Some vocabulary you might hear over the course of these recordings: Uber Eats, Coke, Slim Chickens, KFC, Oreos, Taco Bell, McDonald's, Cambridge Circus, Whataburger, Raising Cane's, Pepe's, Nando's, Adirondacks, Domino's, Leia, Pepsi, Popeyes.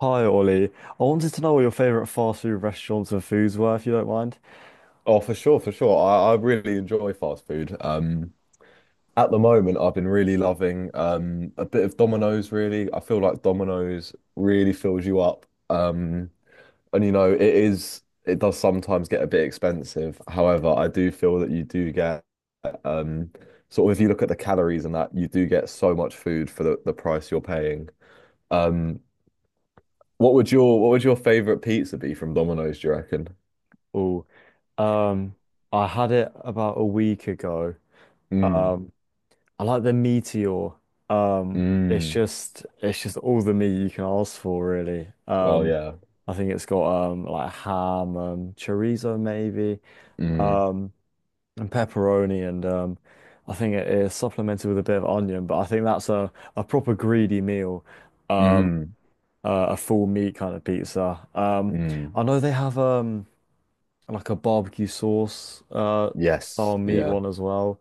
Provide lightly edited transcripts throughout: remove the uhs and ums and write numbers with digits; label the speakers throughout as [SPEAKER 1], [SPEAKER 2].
[SPEAKER 1] Hi Ollie, I wanted to know what your favorite fast food restaurants and foods were, if you don't mind.
[SPEAKER 2] Oh, for sure, for sure. I really enjoy fast food. At the moment, I've been really loving a bit of Domino's, really. I feel like Domino's really fills you up. Um, and you know, it is it does sometimes get a bit expensive. However, I do feel that you do get um sort of if you look at the calories and that, you do get so much food for the price you're paying. Um, what would your favorite pizza be from Domino's, do you reckon?
[SPEAKER 1] Oh, um, I had it about a week ago.
[SPEAKER 2] Mm,
[SPEAKER 1] Um, I like the Meteor. It's
[SPEAKER 2] mm.
[SPEAKER 1] just it's just all the meat you can ask for, really.
[SPEAKER 2] Well, yeah.
[SPEAKER 1] I think it's got like ham, chorizo maybe,
[SPEAKER 2] Mm.
[SPEAKER 1] um, and pepperoni, and I think it is supplemented with a bit of onion. But I think that's a proper greedy meal. Um,
[SPEAKER 2] Mm,
[SPEAKER 1] a full meat kind of pizza.
[SPEAKER 2] mm.
[SPEAKER 1] I know they have like a barbecue sauce
[SPEAKER 2] Yes.
[SPEAKER 1] style meat
[SPEAKER 2] Yeah.
[SPEAKER 1] one as well.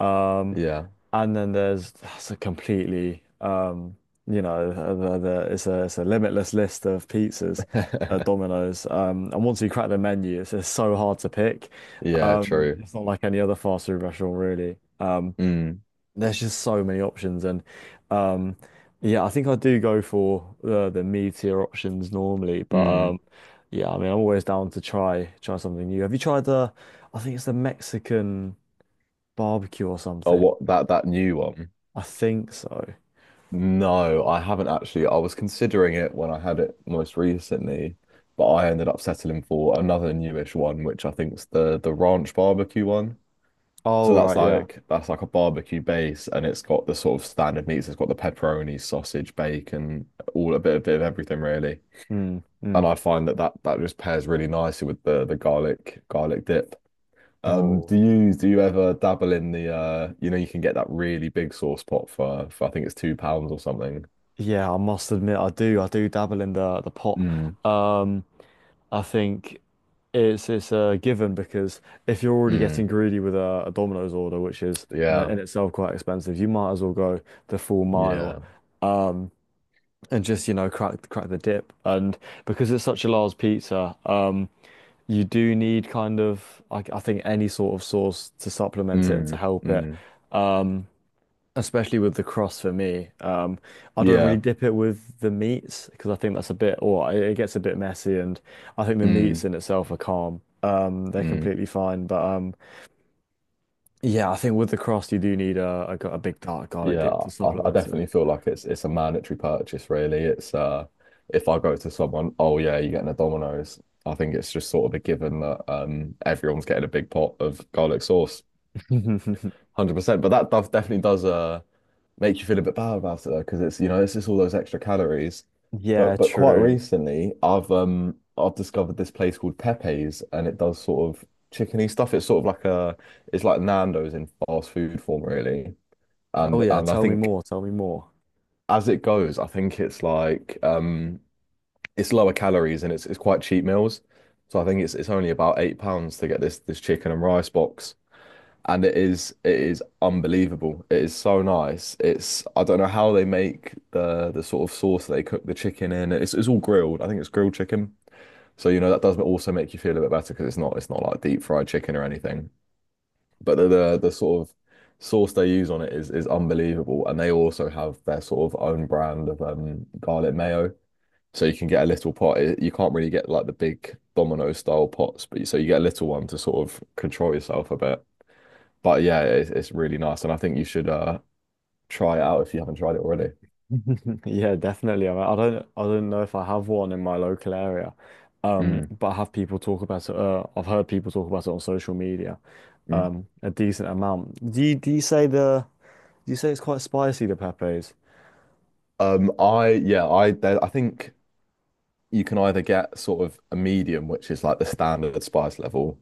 [SPEAKER 1] Um,
[SPEAKER 2] Yeah.
[SPEAKER 1] and then there's That's a completely you know uh, it's a limitless list of pizzas at Domino's. And once you crack the menu, it's so hard to pick.
[SPEAKER 2] Yeah, true.
[SPEAKER 1] It's not like any other fast food restaurant, really.
[SPEAKER 2] Mm,
[SPEAKER 1] There's just so many options, and um, yeah, I think I do go for the mid tier options normally, but
[SPEAKER 2] mm.
[SPEAKER 1] yeah, I mean, I'm always down to try something new. Have you tried the? I think it's the Mexican barbecue or
[SPEAKER 2] Oh,
[SPEAKER 1] something.
[SPEAKER 2] what, that new one?
[SPEAKER 1] I think so.
[SPEAKER 2] No, I haven't actually. I was considering it when I had it most recently, but I ended up settling for another newish one, which I think's the ranch barbecue one. So
[SPEAKER 1] Oh
[SPEAKER 2] that's
[SPEAKER 1] right, yeah.
[SPEAKER 2] like, that's like a barbecue base, and it's got the sort of standard meats. It's got the pepperoni, sausage, bacon, all a bit, of everything really.
[SPEAKER 1] Mm,
[SPEAKER 2] And
[SPEAKER 1] mm.
[SPEAKER 2] I find that just pairs really nicely with the garlic dip.
[SPEAKER 1] Oh
[SPEAKER 2] Do you ever dabble in the you know, you can get that really big sauce pot for I think it's £2 or something.
[SPEAKER 1] yeah, I must admit, I do dabble in the pot.
[SPEAKER 2] Mm,
[SPEAKER 1] Um, I think it's a given because if you're already getting
[SPEAKER 2] mm,
[SPEAKER 1] greedy with a Domino's order, which is, you know,
[SPEAKER 2] yeah,
[SPEAKER 1] in itself quite expensive, you might as well go the full mile,
[SPEAKER 2] yeah,
[SPEAKER 1] um, and just, you know, crack the dip. And because it's such a large pizza, you do need kind of, I think, any sort of sauce to supplement it and to
[SPEAKER 2] mm,
[SPEAKER 1] help it.
[SPEAKER 2] mm,
[SPEAKER 1] Um, Especially with the cross for me. I don't
[SPEAKER 2] yeah,
[SPEAKER 1] really dip it with the meats because I think that's a bit, or it gets a bit messy, and I think the meats
[SPEAKER 2] mm,
[SPEAKER 1] in itself are calm. They're
[SPEAKER 2] mm,
[SPEAKER 1] completely fine, but yeah, I think with the cross you do need a big dark garlic
[SPEAKER 2] yeah.
[SPEAKER 1] dip to
[SPEAKER 2] I
[SPEAKER 1] supplement
[SPEAKER 2] definitely feel like it's a mandatory purchase, really. It's if I go to someone, oh yeah, you're getting a Domino's. I think it's just sort of a given that, everyone's getting a big pot of garlic sauce.
[SPEAKER 1] it.
[SPEAKER 2] 100%, but that does definitely does make you feel a bit bad about it though, because it's it's just all those extra calories.
[SPEAKER 1] Yeah,
[SPEAKER 2] But, quite
[SPEAKER 1] true.
[SPEAKER 2] recently, I've discovered this place called Pepe's, and it does sort of chickeny stuff. It's sort of like a, it's like Nando's in fast food form, really.
[SPEAKER 1] Oh
[SPEAKER 2] And,
[SPEAKER 1] yeah,
[SPEAKER 2] I
[SPEAKER 1] tell me
[SPEAKER 2] think
[SPEAKER 1] more. Tell me more.
[SPEAKER 2] as it goes, I think it's like, it's lower calories, and it's quite cheap meals. So I think it's only about £8 to get this chicken and rice box, and it is unbelievable. It is so nice. It's, I don't know how they make the sort of sauce they cook the chicken in. It's all grilled. I think it's grilled chicken. So you know that does also make you feel a bit better because it's not like deep fried chicken or anything. But the sort of sauce they use on it is unbelievable. And they also have their sort of own brand of garlic mayo. So you can get a little pot. It- You can't really get like the big Domino style pots, but you- so you get a little one to sort of control yourself a bit. But yeah, it's really nice, and I think you should try it out if you haven't tried it already.
[SPEAKER 1] Yeah, definitely. I mean, I don't know if I have one in my local area,
[SPEAKER 2] Mm.
[SPEAKER 1] but I have people talk about it. I've heard people talk about it on social media,
[SPEAKER 2] Mm.
[SPEAKER 1] a decent amount. Do you say do you say it's quite spicy, the pepes?
[SPEAKER 2] I yeah, I there, I think you can either get sort of a medium, which is like the standard spice level,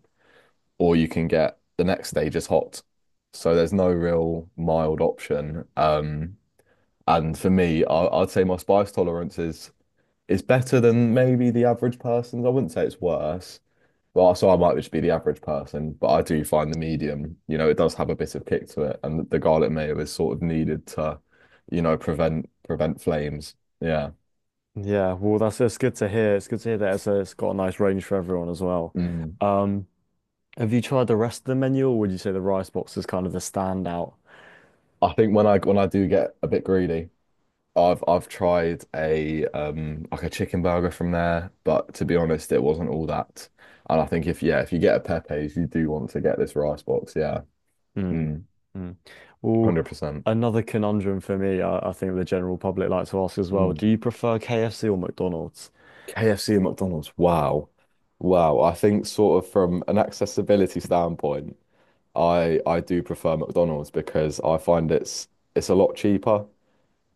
[SPEAKER 2] or you can get the next stage is hot. So there's no real mild option. And for me, I'd say my spice tolerance is better than maybe the average person's. I wouldn't say it's worse. Well, so I might just be the average person, but I do find the medium, you know, it does have a bit of kick to it, and the garlic mayo is sort of needed to, you know, prevent flames. Yeah.
[SPEAKER 1] Yeah, well, that's it's good to hear. It's good to hear that it's got a nice range for everyone as well.
[SPEAKER 2] Mm.
[SPEAKER 1] Um, have you tried the rest of the menu, or would you say the rice box is kind of the standout?
[SPEAKER 2] I think when I do get a bit greedy, I've tried a like a chicken burger from there, but to be honest, it wasn't all that. And I think, if you get a Pepe's, you do want to get this rice box. Yeah.
[SPEAKER 1] Mm,
[SPEAKER 2] Mm.
[SPEAKER 1] mm. Well,
[SPEAKER 2] 100%.
[SPEAKER 1] another conundrum for me, I think the general public like to ask as well.
[SPEAKER 2] Mm.
[SPEAKER 1] Do you prefer KFC or McDonald's?
[SPEAKER 2] KFC and McDonald's. Wow. Wow. I think sort of from an accessibility standpoint, I do prefer McDonald's because I find it's a lot cheaper,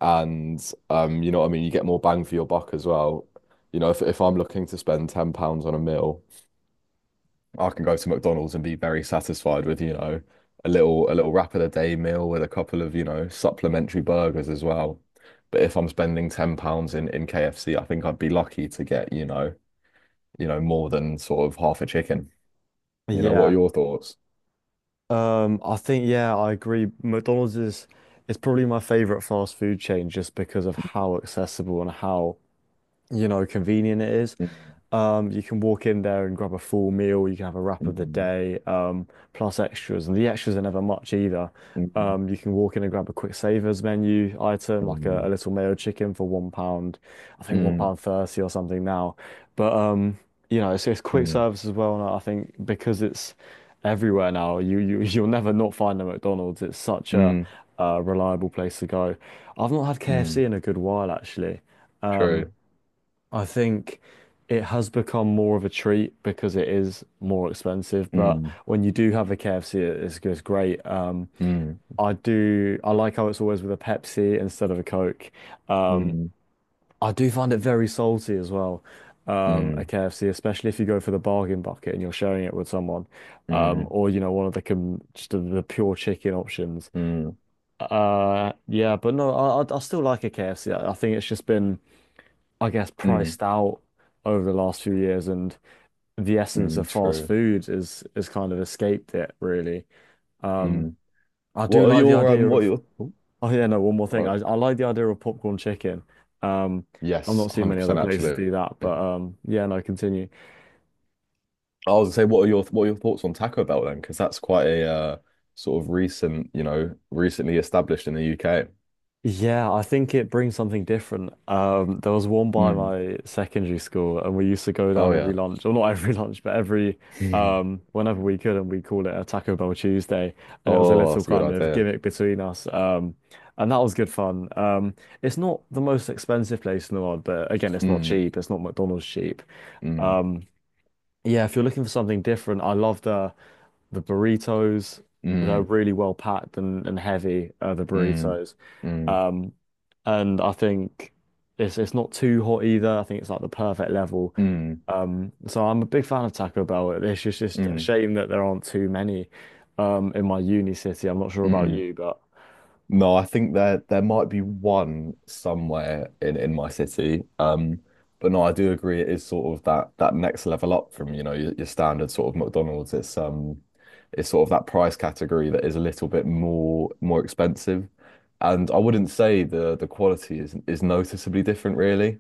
[SPEAKER 2] and you know what I mean, you get more bang for your buck as well. You know, if I'm looking to spend £10 on a meal, I can go to McDonald's and be very satisfied with, you know, a little wrap of the day meal with a couple of, you know, supplementary burgers as well. But if I'm spending £10 in KFC, I think I'd be lucky to get, you know, more than sort of half a chicken. You know, what are
[SPEAKER 1] Yeah.
[SPEAKER 2] your thoughts?
[SPEAKER 1] I think, yeah, I agree. McDonald's is probably my favorite fast food chain just because of how accessible and how, you know, convenient it is. You can walk in there and grab a full meal. You can have a wrap of the
[SPEAKER 2] Mm,
[SPEAKER 1] day, plus extras, and the extras are never much either.
[SPEAKER 2] mm,
[SPEAKER 1] You can walk in and grab a quick savers menu item, like a
[SPEAKER 2] mm,
[SPEAKER 1] little mayo chicken for £1, I think one
[SPEAKER 2] mm,
[SPEAKER 1] pound thirty or something now. But you know, it's quick
[SPEAKER 2] mm,
[SPEAKER 1] service as well, and I think because it's everywhere now, you you'll never not find a McDonald's. It's such
[SPEAKER 2] mm,
[SPEAKER 1] a reliable place to go. I've not had
[SPEAKER 2] mm.
[SPEAKER 1] KFC in a good while, actually.
[SPEAKER 2] True.
[SPEAKER 1] I think it has become more of a treat because it is more expensive. But
[SPEAKER 2] Mm,
[SPEAKER 1] when you do have a KFC, it's great.
[SPEAKER 2] mm,
[SPEAKER 1] I do. I like how it's always with a Pepsi instead of a Coke. Um,
[SPEAKER 2] mm,
[SPEAKER 1] I do find it very salty as well. A
[SPEAKER 2] mm,
[SPEAKER 1] KFC, especially if you go for the bargain bucket and you're sharing it with someone,
[SPEAKER 2] mm,
[SPEAKER 1] or, you know, one of the com just the pure chicken options.
[SPEAKER 2] mm,
[SPEAKER 1] Yeah, but no, I still like a KFC. I think it's just been, I guess,
[SPEAKER 2] mm,
[SPEAKER 1] priced out over the last few years and the essence
[SPEAKER 2] mm.
[SPEAKER 1] of fast
[SPEAKER 2] True.
[SPEAKER 1] food is kind of escaped it, really. Um
[SPEAKER 2] Mm.
[SPEAKER 1] I do like the idea
[SPEAKER 2] What are
[SPEAKER 1] of
[SPEAKER 2] your?
[SPEAKER 1] oh yeah, no one more thing,
[SPEAKER 2] Uh,
[SPEAKER 1] I like the idea of popcorn chicken. Um I'm
[SPEAKER 2] yes,
[SPEAKER 1] not
[SPEAKER 2] one
[SPEAKER 1] seeing
[SPEAKER 2] hundred
[SPEAKER 1] many other
[SPEAKER 2] percent.
[SPEAKER 1] places
[SPEAKER 2] Actually,
[SPEAKER 1] do that,
[SPEAKER 2] I
[SPEAKER 1] but yeah, no, continue.
[SPEAKER 2] was gonna say, what are your thoughts on Taco Bell then? Because that's quite a, sort of recent, you know, recently established in the UK.
[SPEAKER 1] Yeah, I think it brings something different. There was one by
[SPEAKER 2] Mm.
[SPEAKER 1] my secondary school, and we used to go down
[SPEAKER 2] Oh
[SPEAKER 1] every
[SPEAKER 2] yeah.
[SPEAKER 1] lunch, or not every lunch, but every whenever we could, and we call it a Taco Bell Tuesday, and it was a
[SPEAKER 2] Oh,
[SPEAKER 1] little
[SPEAKER 2] that's a good
[SPEAKER 1] kind of
[SPEAKER 2] idea.
[SPEAKER 1] gimmick between us, and that was good fun. It's not the most expensive place in the world, but again, it's not
[SPEAKER 2] Hum,
[SPEAKER 1] cheap. It's not McDonald's cheap.
[SPEAKER 2] mm,
[SPEAKER 1] Um, yeah, if you're looking for something different, I love the burritos. They're
[SPEAKER 2] mm,
[SPEAKER 1] really well packed and heavy, the
[SPEAKER 2] mm,
[SPEAKER 1] burritos.
[SPEAKER 2] mm,
[SPEAKER 1] Um, and I think it's not too hot either. I think it's like the perfect level.
[SPEAKER 2] mm,
[SPEAKER 1] So I'm a big fan of Taco Bell. Just a
[SPEAKER 2] mm,
[SPEAKER 1] shame that there aren't too many in my uni city. I'm not sure about
[SPEAKER 2] mm.
[SPEAKER 1] you, but
[SPEAKER 2] No, I think there, might be one somewhere in my city. But no, I do agree it is sort of that next level up from, you know, your standard sort of McDonald's. It's, it's sort of that price category that is a little bit more expensive. And I wouldn't say the quality is noticeably different really.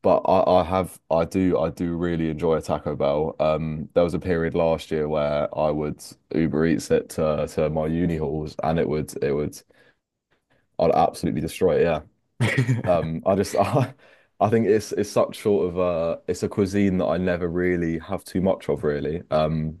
[SPEAKER 2] But I do really enjoy a Taco Bell. There was a period last year where I would Uber Eats it to my uni halls, and it would, I'd absolutely destroy it. Yeah. I just I think it's such sort of it's a cuisine that I never really have too much of really.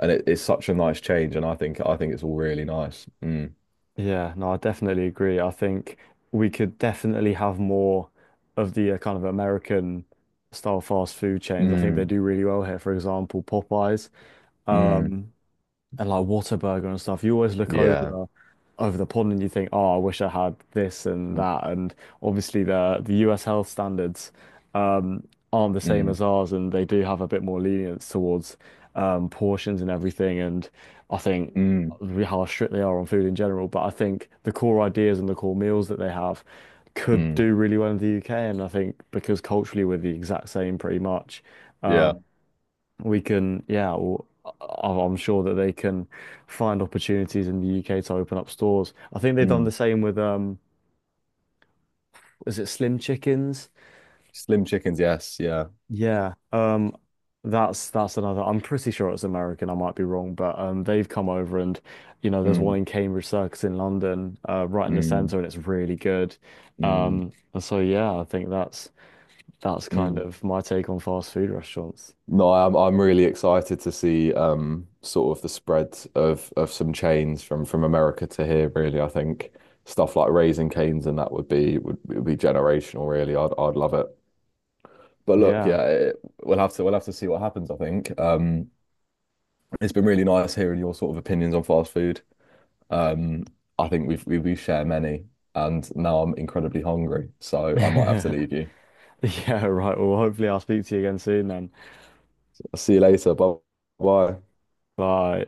[SPEAKER 2] And it's such a nice change, and I think it's all really nice. Mm,
[SPEAKER 1] yeah, no, I definitely agree. I think we could definitely have more of the kind of American style fast food chains. I think they
[SPEAKER 2] mm,
[SPEAKER 1] do really well here. For example, Popeyes.
[SPEAKER 2] mm,
[SPEAKER 1] Um, and like Whataburger and stuff, you always look
[SPEAKER 2] yeah.
[SPEAKER 1] over the pond and you think, oh, I wish I had this and
[SPEAKER 2] Mm,
[SPEAKER 1] that. And obviously the US health standards um, aren't the same
[SPEAKER 2] mm,
[SPEAKER 1] as ours, and they do have a bit more lenience towards portions and everything. And I think
[SPEAKER 2] mm,
[SPEAKER 1] how strict they are on food in general, but I think the core ideas and the core meals that they have could
[SPEAKER 2] mm,
[SPEAKER 1] do really well in the UK. And I think because culturally we're the exact same, pretty much.
[SPEAKER 2] yeah.
[SPEAKER 1] um, we can, yeah, I'm sure that they can find opportunities in the UK to open up stores. I think they've done
[SPEAKER 2] Mm.
[SPEAKER 1] the same with is it Slim Chickens?
[SPEAKER 2] Slim chickens, yes, yeah.
[SPEAKER 1] Yeah, that's another. I'm pretty sure it's American. I might be wrong, but they've come over and, you know, there's one
[SPEAKER 2] Mm.
[SPEAKER 1] in Cambridge Circus in London, right in the
[SPEAKER 2] Mm,
[SPEAKER 1] centre, and it's really good.
[SPEAKER 2] mm,
[SPEAKER 1] And so yeah, I think that's kind
[SPEAKER 2] mm.
[SPEAKER 1] of my take on fast food restaurants.
[SPEAKER 2] No, I'm really excited to see sort of the spread of some chains from, America to here, really. I think stuff like Raising Cane's and that would be, would be generational, really. I'd love it. But look,
[SPEAKER 1] Yeah.
[SPEAKER 2] yeah, it, we'll have to, see what happens, I think. Um, it's been really nice hearing your sort of opinions on fast food. Um, I think we share many, and now I'm incredibly hungry, so I might have to leave you.
[SPEAKER 1] Yeah, right. Well, hopefully I'll speak to you again soon then.
[SPEAKER 2] I'll see you later. Bye bye.
[SPEAKER 1] Bye.